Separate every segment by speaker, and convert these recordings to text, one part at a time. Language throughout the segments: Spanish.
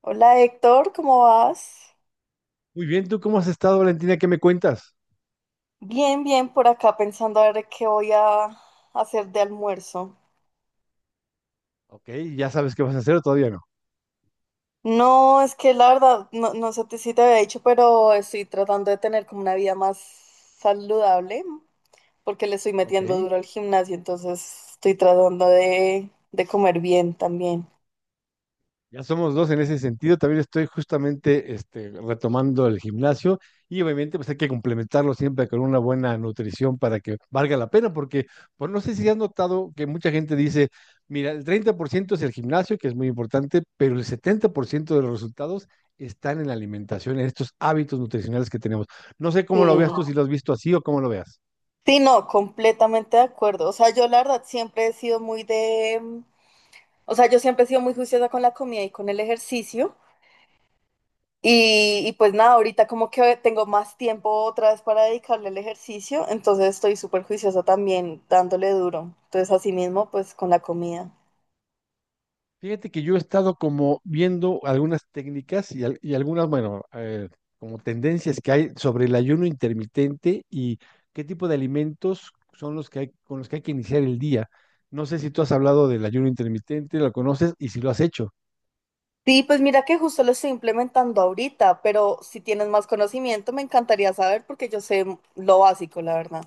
Speaker 1: Hola Héctor, ¿cómo vas?
Speaker 2: Muy bien, ¿tú cómo has estado, Valentina? ¿Qué me cuentas?
Speaker 1: Bien, bien, por acá pensando a ver qué voy a hacer de almuerzo.
Speaker 2: Ok, ya sabes qué vas a hacer o todavía no.
Speaker 1: No, es que la verdad, no, no sé si te había dicho, pero estoy tratando de tener como una vida más saludable, porque le estoy
Speaker 2: Ok,
Speaker 1: metiendo duro al gimnasio, entonces estoy tratando de comer bien también.
Speaker 2: ya somos dos en ese sentido. También estoy justamente este, retomando el gimnasio y obviamente pues hay que complementarlo siempre con una buena nutrición para que valga la pena, porque pues no sé si has notado que mucha gente dice, mira, el 30% es el gimnasio, que es muy importante, pero el 70% de los resultados están en la alimentación, en estos hábitos nutricionales que tenemos. No sé
Speaker 1: Sí.
Speaker 2: cómo lo veas tú, si lo has visto así o cómo lo veas.
Speaker 1: Sí, no, completamente de acuerdo. O sea, yo la verdad siempre he sido muy de, o sea, yo siempre he sido muy juiciosa con la comida y con el ejercicio. Y pues nada, ahorita como que tengo más tiempo otra vez para dedicarle al ejercicio, entonces estoy súper juiciosa también dándole duro. Entonces así mismo pues con la comida.
Speaker 2: Fíjate que yo he estado como viendo algunas técnicas y algunas, bueno, como tendencias que hay sobre el ayuno intermitente y qué tipo de alimentos son los que hay, con los que hay que iniciar el día. No sé si tú has hablado del ayuno intermitente, lo conoces y si lo has hecho.
Speaker 1: Sí, pues mira que justo lo estoy implementando ahorita, pero si tienes más conocimiento me encantaría saber porque yo sé lo básico, la verdad.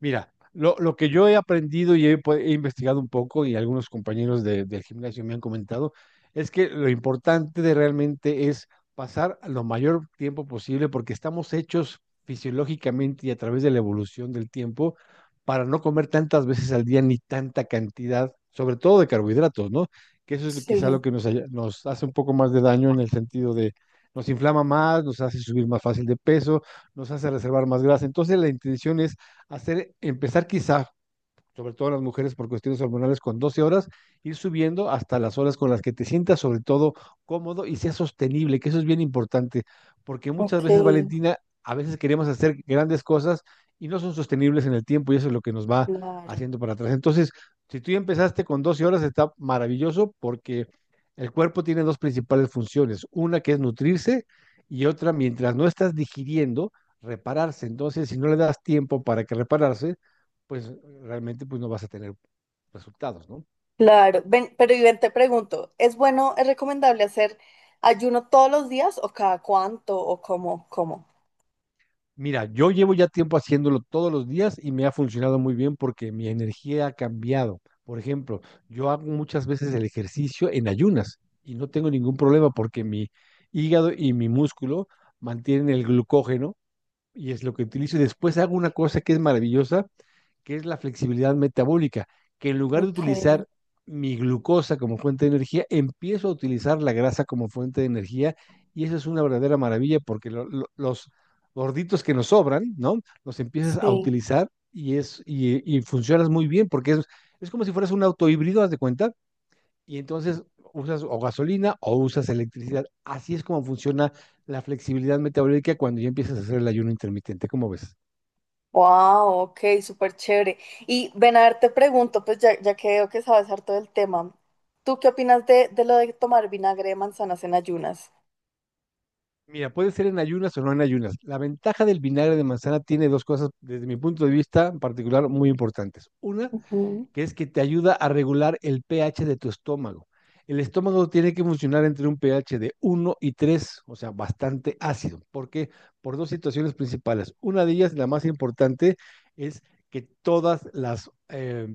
Speaker 2: Mira, lo que yo he aprendido y he investigado un poco y algunos compañeros del gimnasio me han comentado, es que lo importante de realmente es pasar lo mayor tiempo posible porque estamos hechos fisiológicamente y a través de la evolución del tiempo para no comer tantas veces al día ni tanta cantidad, sobre todo de carbohidratos, ¿no? Que eso es quizá lo
Speaker 1: Sí,
Speaker 2: que nos, nos hace un poco más de daño en el sentido de nos inflama más, nos hace subir más fácil de peso, nos hace reservar más grasa. Entonces la intención es hacer, empezar quizás sobre todo las mujeres por cuestiones hormonales, con 12 horas, ir subiendo hasta las horas con las que te sientas sobre todo cómodo y sea sostenible, que eso es bien importante, porque muchas
Speaker 1: ok,
Speaker 2: veces, Valentina, a veces queremos hacer grandes cosas y no son sostenibles en el tiempo y eso es lo que nos va
Speaker 1: claro.
Speaker 2: haciendo para atrás. Entonces, si tú ya empezaste con 12 horas, está maravilloso porque el cuerpo tiene dos principales funciones, una que es nutrirse y otra, mientras no estás digiriendo, repararse. Entonces, si no le das tiempo para que repararse, pues realmente pues no vas a tener resultados, ¿no?
Speaker 1: Claro, ven, pero y ven, te pregunto, ¿es bueno, es recomendable hacer ayuno todos los días o cada cuánto o cómo, cómo?
Speaker 2: Mira, yo llevo ya tiempo haciéndolo todos los días y me ha funcionado muy bien porque mi energía ha cambiado. Por ejemplo, yo hago muchas veces el ejercicio en ayunas y no tengo ningún problema porque mi hígado y mi músculo mantienen el glucógeno y es lo que utilizo. Y después hago una cosa que es maravillosa, que es la flexibilidad metabólica, que en lugar de
Speaker 1: Ok,
Speaker 2: utilizar mi glucosa como fuente de energía, empiezo a utilizar la grasa como fuente de energía y eso es una verdadera maravilla porque los gorditos que nos sobran, ¿no? Los empiezas a
Speaker 1: sí.
Speaker 2: utilizar y y funcionas muy bien porque es como si fueras un auto híbrido, haz de cuenta, y entonces usas o gasolina o usas electricidad. Así es como funciona la flexibilidad metabólica cuando ya empiezas a hacer el ayuno intermitente, ¿cómo ves?
Speaker 1: Wow, ok, súper chévere. Y ven a ver, te pregunto, pues ya, ya que veo que sabes harto del tema, ¿tú qué opinas de lo de tomar vinagre de manzanas en ayunas?
Speaker 2: Mira, puede ser en ayunas o no en ayunas. La ventaja del vinagre de manzana tiene dos cosas, desde mi punto de vista en particular, muy importantes. Una,
Speaker 1: Ujú.
Speaker 2: que es que te ayuda a regular el pH de tu estómago. El estómago tiene que funcionar entre un pH de uno y 3, o sea, bastante ácido. ¿Por qué? Por dos situaciones principales. Una de ellas, la más importante, es que todas las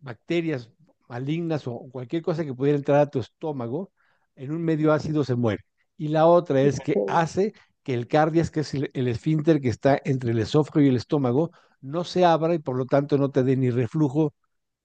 Speaker 2: bacterias malignas o cualquier cosa que pudiera entrar a tu estómago, en un medio ácido se muere. Y la otra
Speaker 1: Ok.
Speaker 2: es que hace que el cardias, que es el esfínter que está entre el esófago y el estómago, no se abra y por lo tanto no te dé ni reflujo,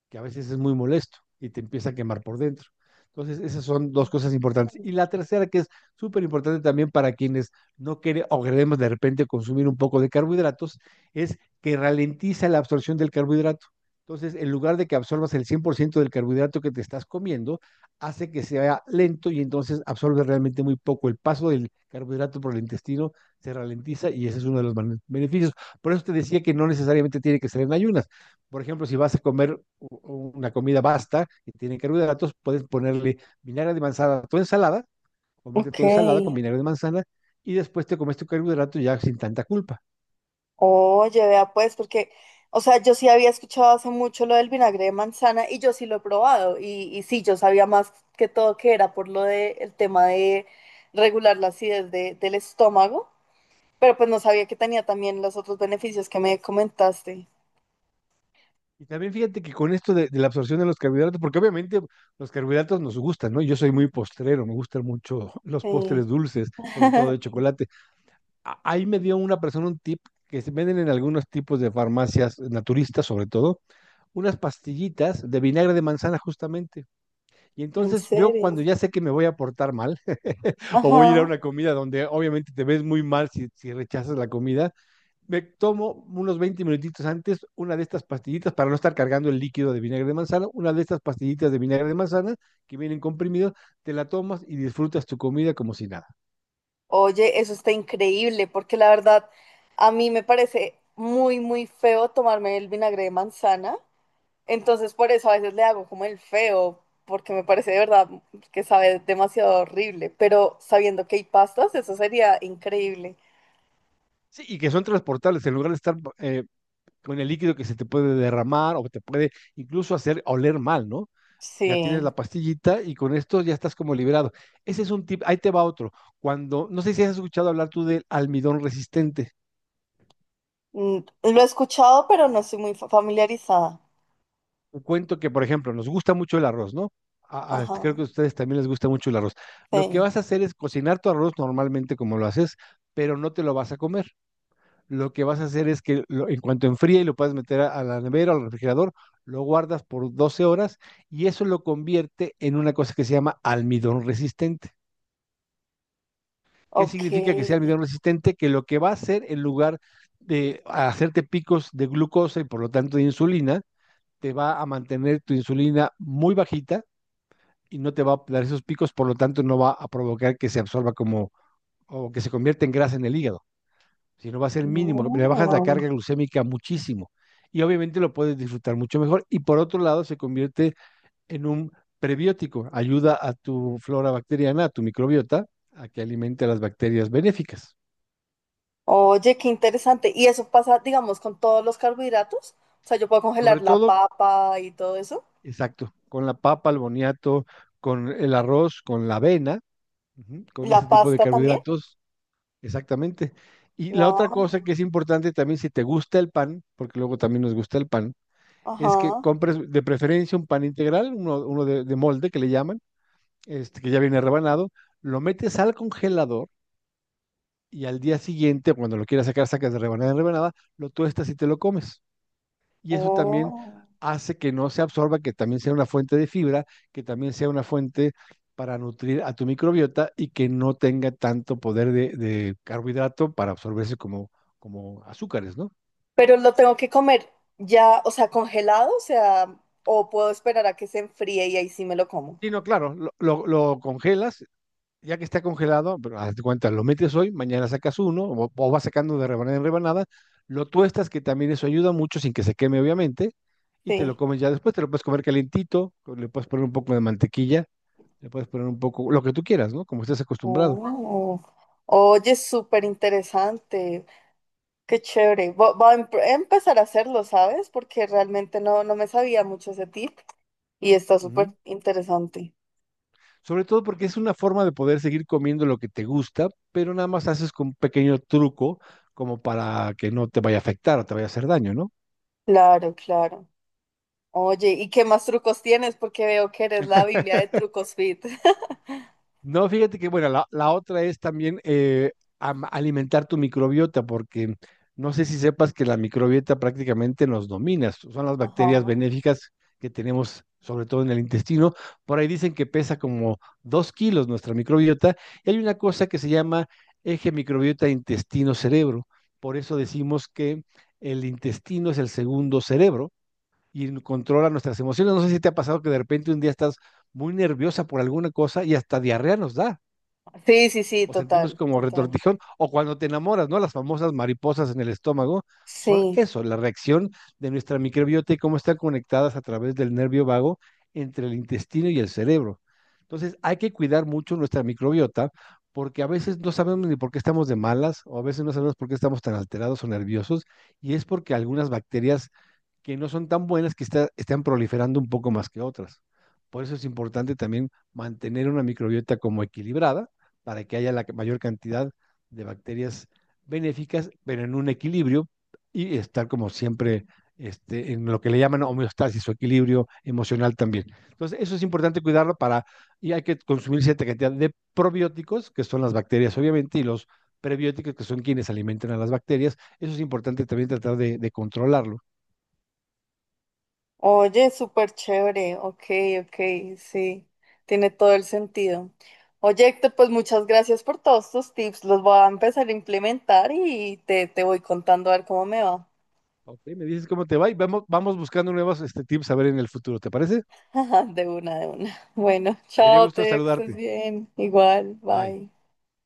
Speaker 2: que a veces es muy molesto y te empieza a quemar por dentro. Entonces, esas son dos cosas importantes. Y la tercera, que es súper importante también para quienes no quieren o queremos de repente consumir un poco de carbohidratos, es que ralentiza la absorción del carbohidrato. Entonces, en lugar de que absorbas el 100% del carbohidrato que te estás comiendo, hace que sea lento y entonces absorbe realmente muy poco. El paso del carbohidrato por el intestino se ralentiza y ese es uno de los beneficios. Por eso te decía que no necesariamente tiene que ser en ayunas. Por ejemplo, si vas a comer una comida basta y tiene carbohidratos, puedes ponerle vinagre de manzana a tu ensalada, comerte
Speaker 1: Ok.
Speaker 2: tu ensalada con vinagre de manzana y después te comes tu carbohidrato ya sin tanta culpa.
Speaker 1: Oye, vea pues, porque, o sea, yo sí había escuchado hace mucho lo del vinagre de manzana y yo sí lo he probado y sí, yo sabía más que todo que era por lo de el tema de regular la acidez del estómago, pero pues no sabía que tenía también los otros beneficios que me comentaste.
Speaker 2: Y también fíjate que con esto de la absorción de los carbohidratos, porque obviamente los carbohidratos nos gustan, ¿no? Yo soy muy postrero, me gustan mucho los
Speaker 1: Sí.
Speaker 2: postres dulces, sobre todo de chocolate. Ahí me dio una persona un tip que se venden en algunos tipos de farmacias naturistas, sobre todo, unas pastillitas de vinagre de manzana justamente. Y
Speaker 1: ¿En
Speaker 2: entonces yo
Speaker 1: serio?
Speaker 2: cuando ya sé que me voy a portar mal o voy a ir a
Speaker 1: Ajá.
Speaker 2: una comida donde obviamente te ves muy mal si rechazas la comida, me tomo unos 20 minutitos antes una de estas pastillitas para no estar cargando el líquido de vinagre de manzana, una de estas pastillitas de vinagre de manzana que vienen comprimidos, te la tomas y disfrutas tu comida como si nada.
Speaker 1: Oye, eso está increíble, porque la verdad a mí me parece muy, muy feo tomarme el vinagre de manzana. Entonces por eso a veces le hago como el feo, porque me parece de verdad que sabe demasiado horrible. Pero sabiendo que hay pastas, eso sería increíble.
Speaker 2: Sí, y que son transportables en lugar de estar con el líquido que se te puede derramar o te puede incluso hacer oler mal, ¿no? Ya tienes
Speaker 1: Sí.
Speaker 2: la pastillita y con esto ya estás como liberado. Ese es un tip, ahí te va otro. Cuando, no sé si has escuchado hablar tú del almidón resistente.
Speaker 1: Mm, lo he escuchado, pero no estoy muy familiarizada.
Speaker 2: Un cuento que, por ejemplo, nos gusta mucho el arroz, ¿no? Creo que a
Speaker 1: Ajá.
Speaker 2: ustedes también les gusta mucho el arroz. Lo que
Speaker 1: Sí.
Speaker 2: vas a hacer es cocinar tu arroz normalmente como lo haces, pero no te lo vas a comer. Lo que vas a hacer es que lo, en cuanto enfríe y lo puedas meter a la nevera o al refrigerador, lo guardas por 12 horas y eso lo convierte en una cosa que se llama almidón resistente. ¿Qué
Speaker 1: Ok.
Speaker 2: significa que sea almidón resistente? Que lo que va a hacer en lugar de hacerte picos de glucosa y por lo tanto de insulina, te va a mantener tu insulina muy bajita y no te va a dar esos picos, por lo tanto no va a provocar que se absorba como o que se convierta en grasa en el hígado, sino va a ser mínimo, le bajas la
Speaker 1: No.
Speaker 2: carga glucémica muchísimo y obviamente lo puedes disfrutar mucho mejor y por otro lado se convierte en un prebiótico, ayuda a tu flora bacteriana, a tu microbiota, a que alimente a las bacterias benéficas.
Speaker 1: Oye, qué interesante. Y eso pasa, digamos, con todos los carbohidratos. O sea, yo puedo congelar
Speaker 2: Sobre
Speaker 1: la
Speaker 2: todo
Speaker 1: papa y todo eso.
Speaker 2: exacto, con la papa, el boniato, con el arroz, con la avena, ujú,
Speaker 1: ¿Y
Speaker 2: con
Speaker 1: la
Speaker 2: ese tipo de
Speaker 1: pasta también?
Speaker 2: carbohidratos, exactamente. Y la otra cosa
Speaker 1: Wow.
Speaker 2: que es importante también, si te gusta el pan, porque luego también nos gusta el pan, es que
Speaker 1: Ajá.
Speaker 2: compres de preferencia un pan integral, uno, uno de molde que le llaman, este, que ya viene rebanado, lo metes al congelador y al día siguiente, cuando lo quieras sacar, sacas de rebanada en rebanada, lo tuestas y te lo comes. Y eso también
Speaker 1: Oh.
Speaker 2: hace que no se absorba, que también sea una fuente de fibra, que también sea una fuente para nutrir a tu microbiota y que no tenga tanto poder de carbohidrato para absorberse como, como azúcares, ¿no?
Speaker 1: Pero lo tengo que comer ya, o sea, congelado, o sea, o puedo esperar a que se enfríe y ahí sí me lo como.
Speaker 2: Y no, claro, lo congelas, ya que está congelado, pero hazte cuenta, lo metes hoy, mañana sacas uno, o vas sacando de rebanada en rebanada, lo tuestas, que también eso ayuda mucho sin que se queme, obviamente, y te lo
Speaker 1: Sí.
Speaker 2: comes ya después, te lo puedes comer calentito, le puedes poner un poco de mantequilla. Le puedes poner un poco, lo que tú quieras, ¿no? Como estés acostumbrado.
Speaker 1: Oh. Oye, súper interesante. Qué chévere. Voy a empezar a hacerlo, ¿sabes? Porque realmente no, no me sabía mucho ese tip y está súper
Speaker 2: Ujú.
Speaker 1: interesante.
Speaker 2: Sobre todo porque es una forma de poder seguir comiendo lo que te gusta, pero nada más haces con un pequeño truco como para que no te vaya a afectar o te vaya a hacer daño, ¿no?
Speaker 1: Claro, claro. Oye, ¿y qué más trucos tienes? Porque veo que eres la Biblia de trucos fit.
Speaker 2: No, fíjate que, bueno, la otra es también alimentar tu microbiota, porque no sé si sepas que la microbiota prácticamente nos domina. Son las bacterias
Speaker 1: Ajá.
Speaker 2: benéficas que tenemos, sobre todo en el intestino. Por ahí dicen que pesa como 2 kilos nuestra microbiota. Y hay una cosa que se llama eje microbiota intestino-cerebro. Por eso decimos que el intestino es el segundo cerebro y controla nuestras emociones. No sé si te ha pasado que de repente un día estás muy nerviosa por alguna cosa y hasta diarrea nos da,
Speaker 1: Sí, sí, sí,
Speaker 2: o sentimos
Speaker 1: total,
Speaker 2: como
Speaker 1: total.
Speaker 2: retortijón, o cuando te enamoras, ¿no? Las famosas mariposas en el estómago son
Speaker 1: Sí.
Speaker 2: eso, la reacción de nuestra microbiota y cómo están conectadas a través del nervio vago entre el intestino y el cerebro. Entonces, hay que cuidar mucho nuestra microbiota porque a veces no sabemos ni por qué estamos de malas o a veces no sabemos por qué estamos tan alterados o nerviosos y es porque algunas bacterias que no son tan buenas, están proliferando un poco más que otras. Por eso es importante también mantener una microbiota como equilibrada para que haya la mayor cantidad de bacterias benéficas, pero en un equilibrio y estar como siempre este, en lo que le llaman homeostasis o equilibrio emocional también. Entonces, eso es importante cuidarlo para, y hay que consumir cierta cantidad de probióticos, que son las bacterias obviamente, y los prebióticos, que son quienes alimentan a las bacterias. Eso es importante también tratar de controlarlo.
Speaker 1: Oye, súper chévere. Ok, ok, sí. Tiene todo el sentido. Oye, Héctor, pues muchas gracias por todos tus tips. Los voy a empezar a implementar y te voy contando a ver cómo me va.
Speaker 2: Ok, me dices cómo te va y vamos buscando nuevos este, tips a ver en el futuro, ¿te parece?
Speaker 1: De una, de una. Bueno,
Speaker 2: Me dio
Speaker 1: chao, te,
Speaker 2: gusto
Speaker 1: veo que estés
Speaker 2: saludarte.
Speaker 1: bien. Igual,
Speaker 2: Bye.
Speaker 1: bye.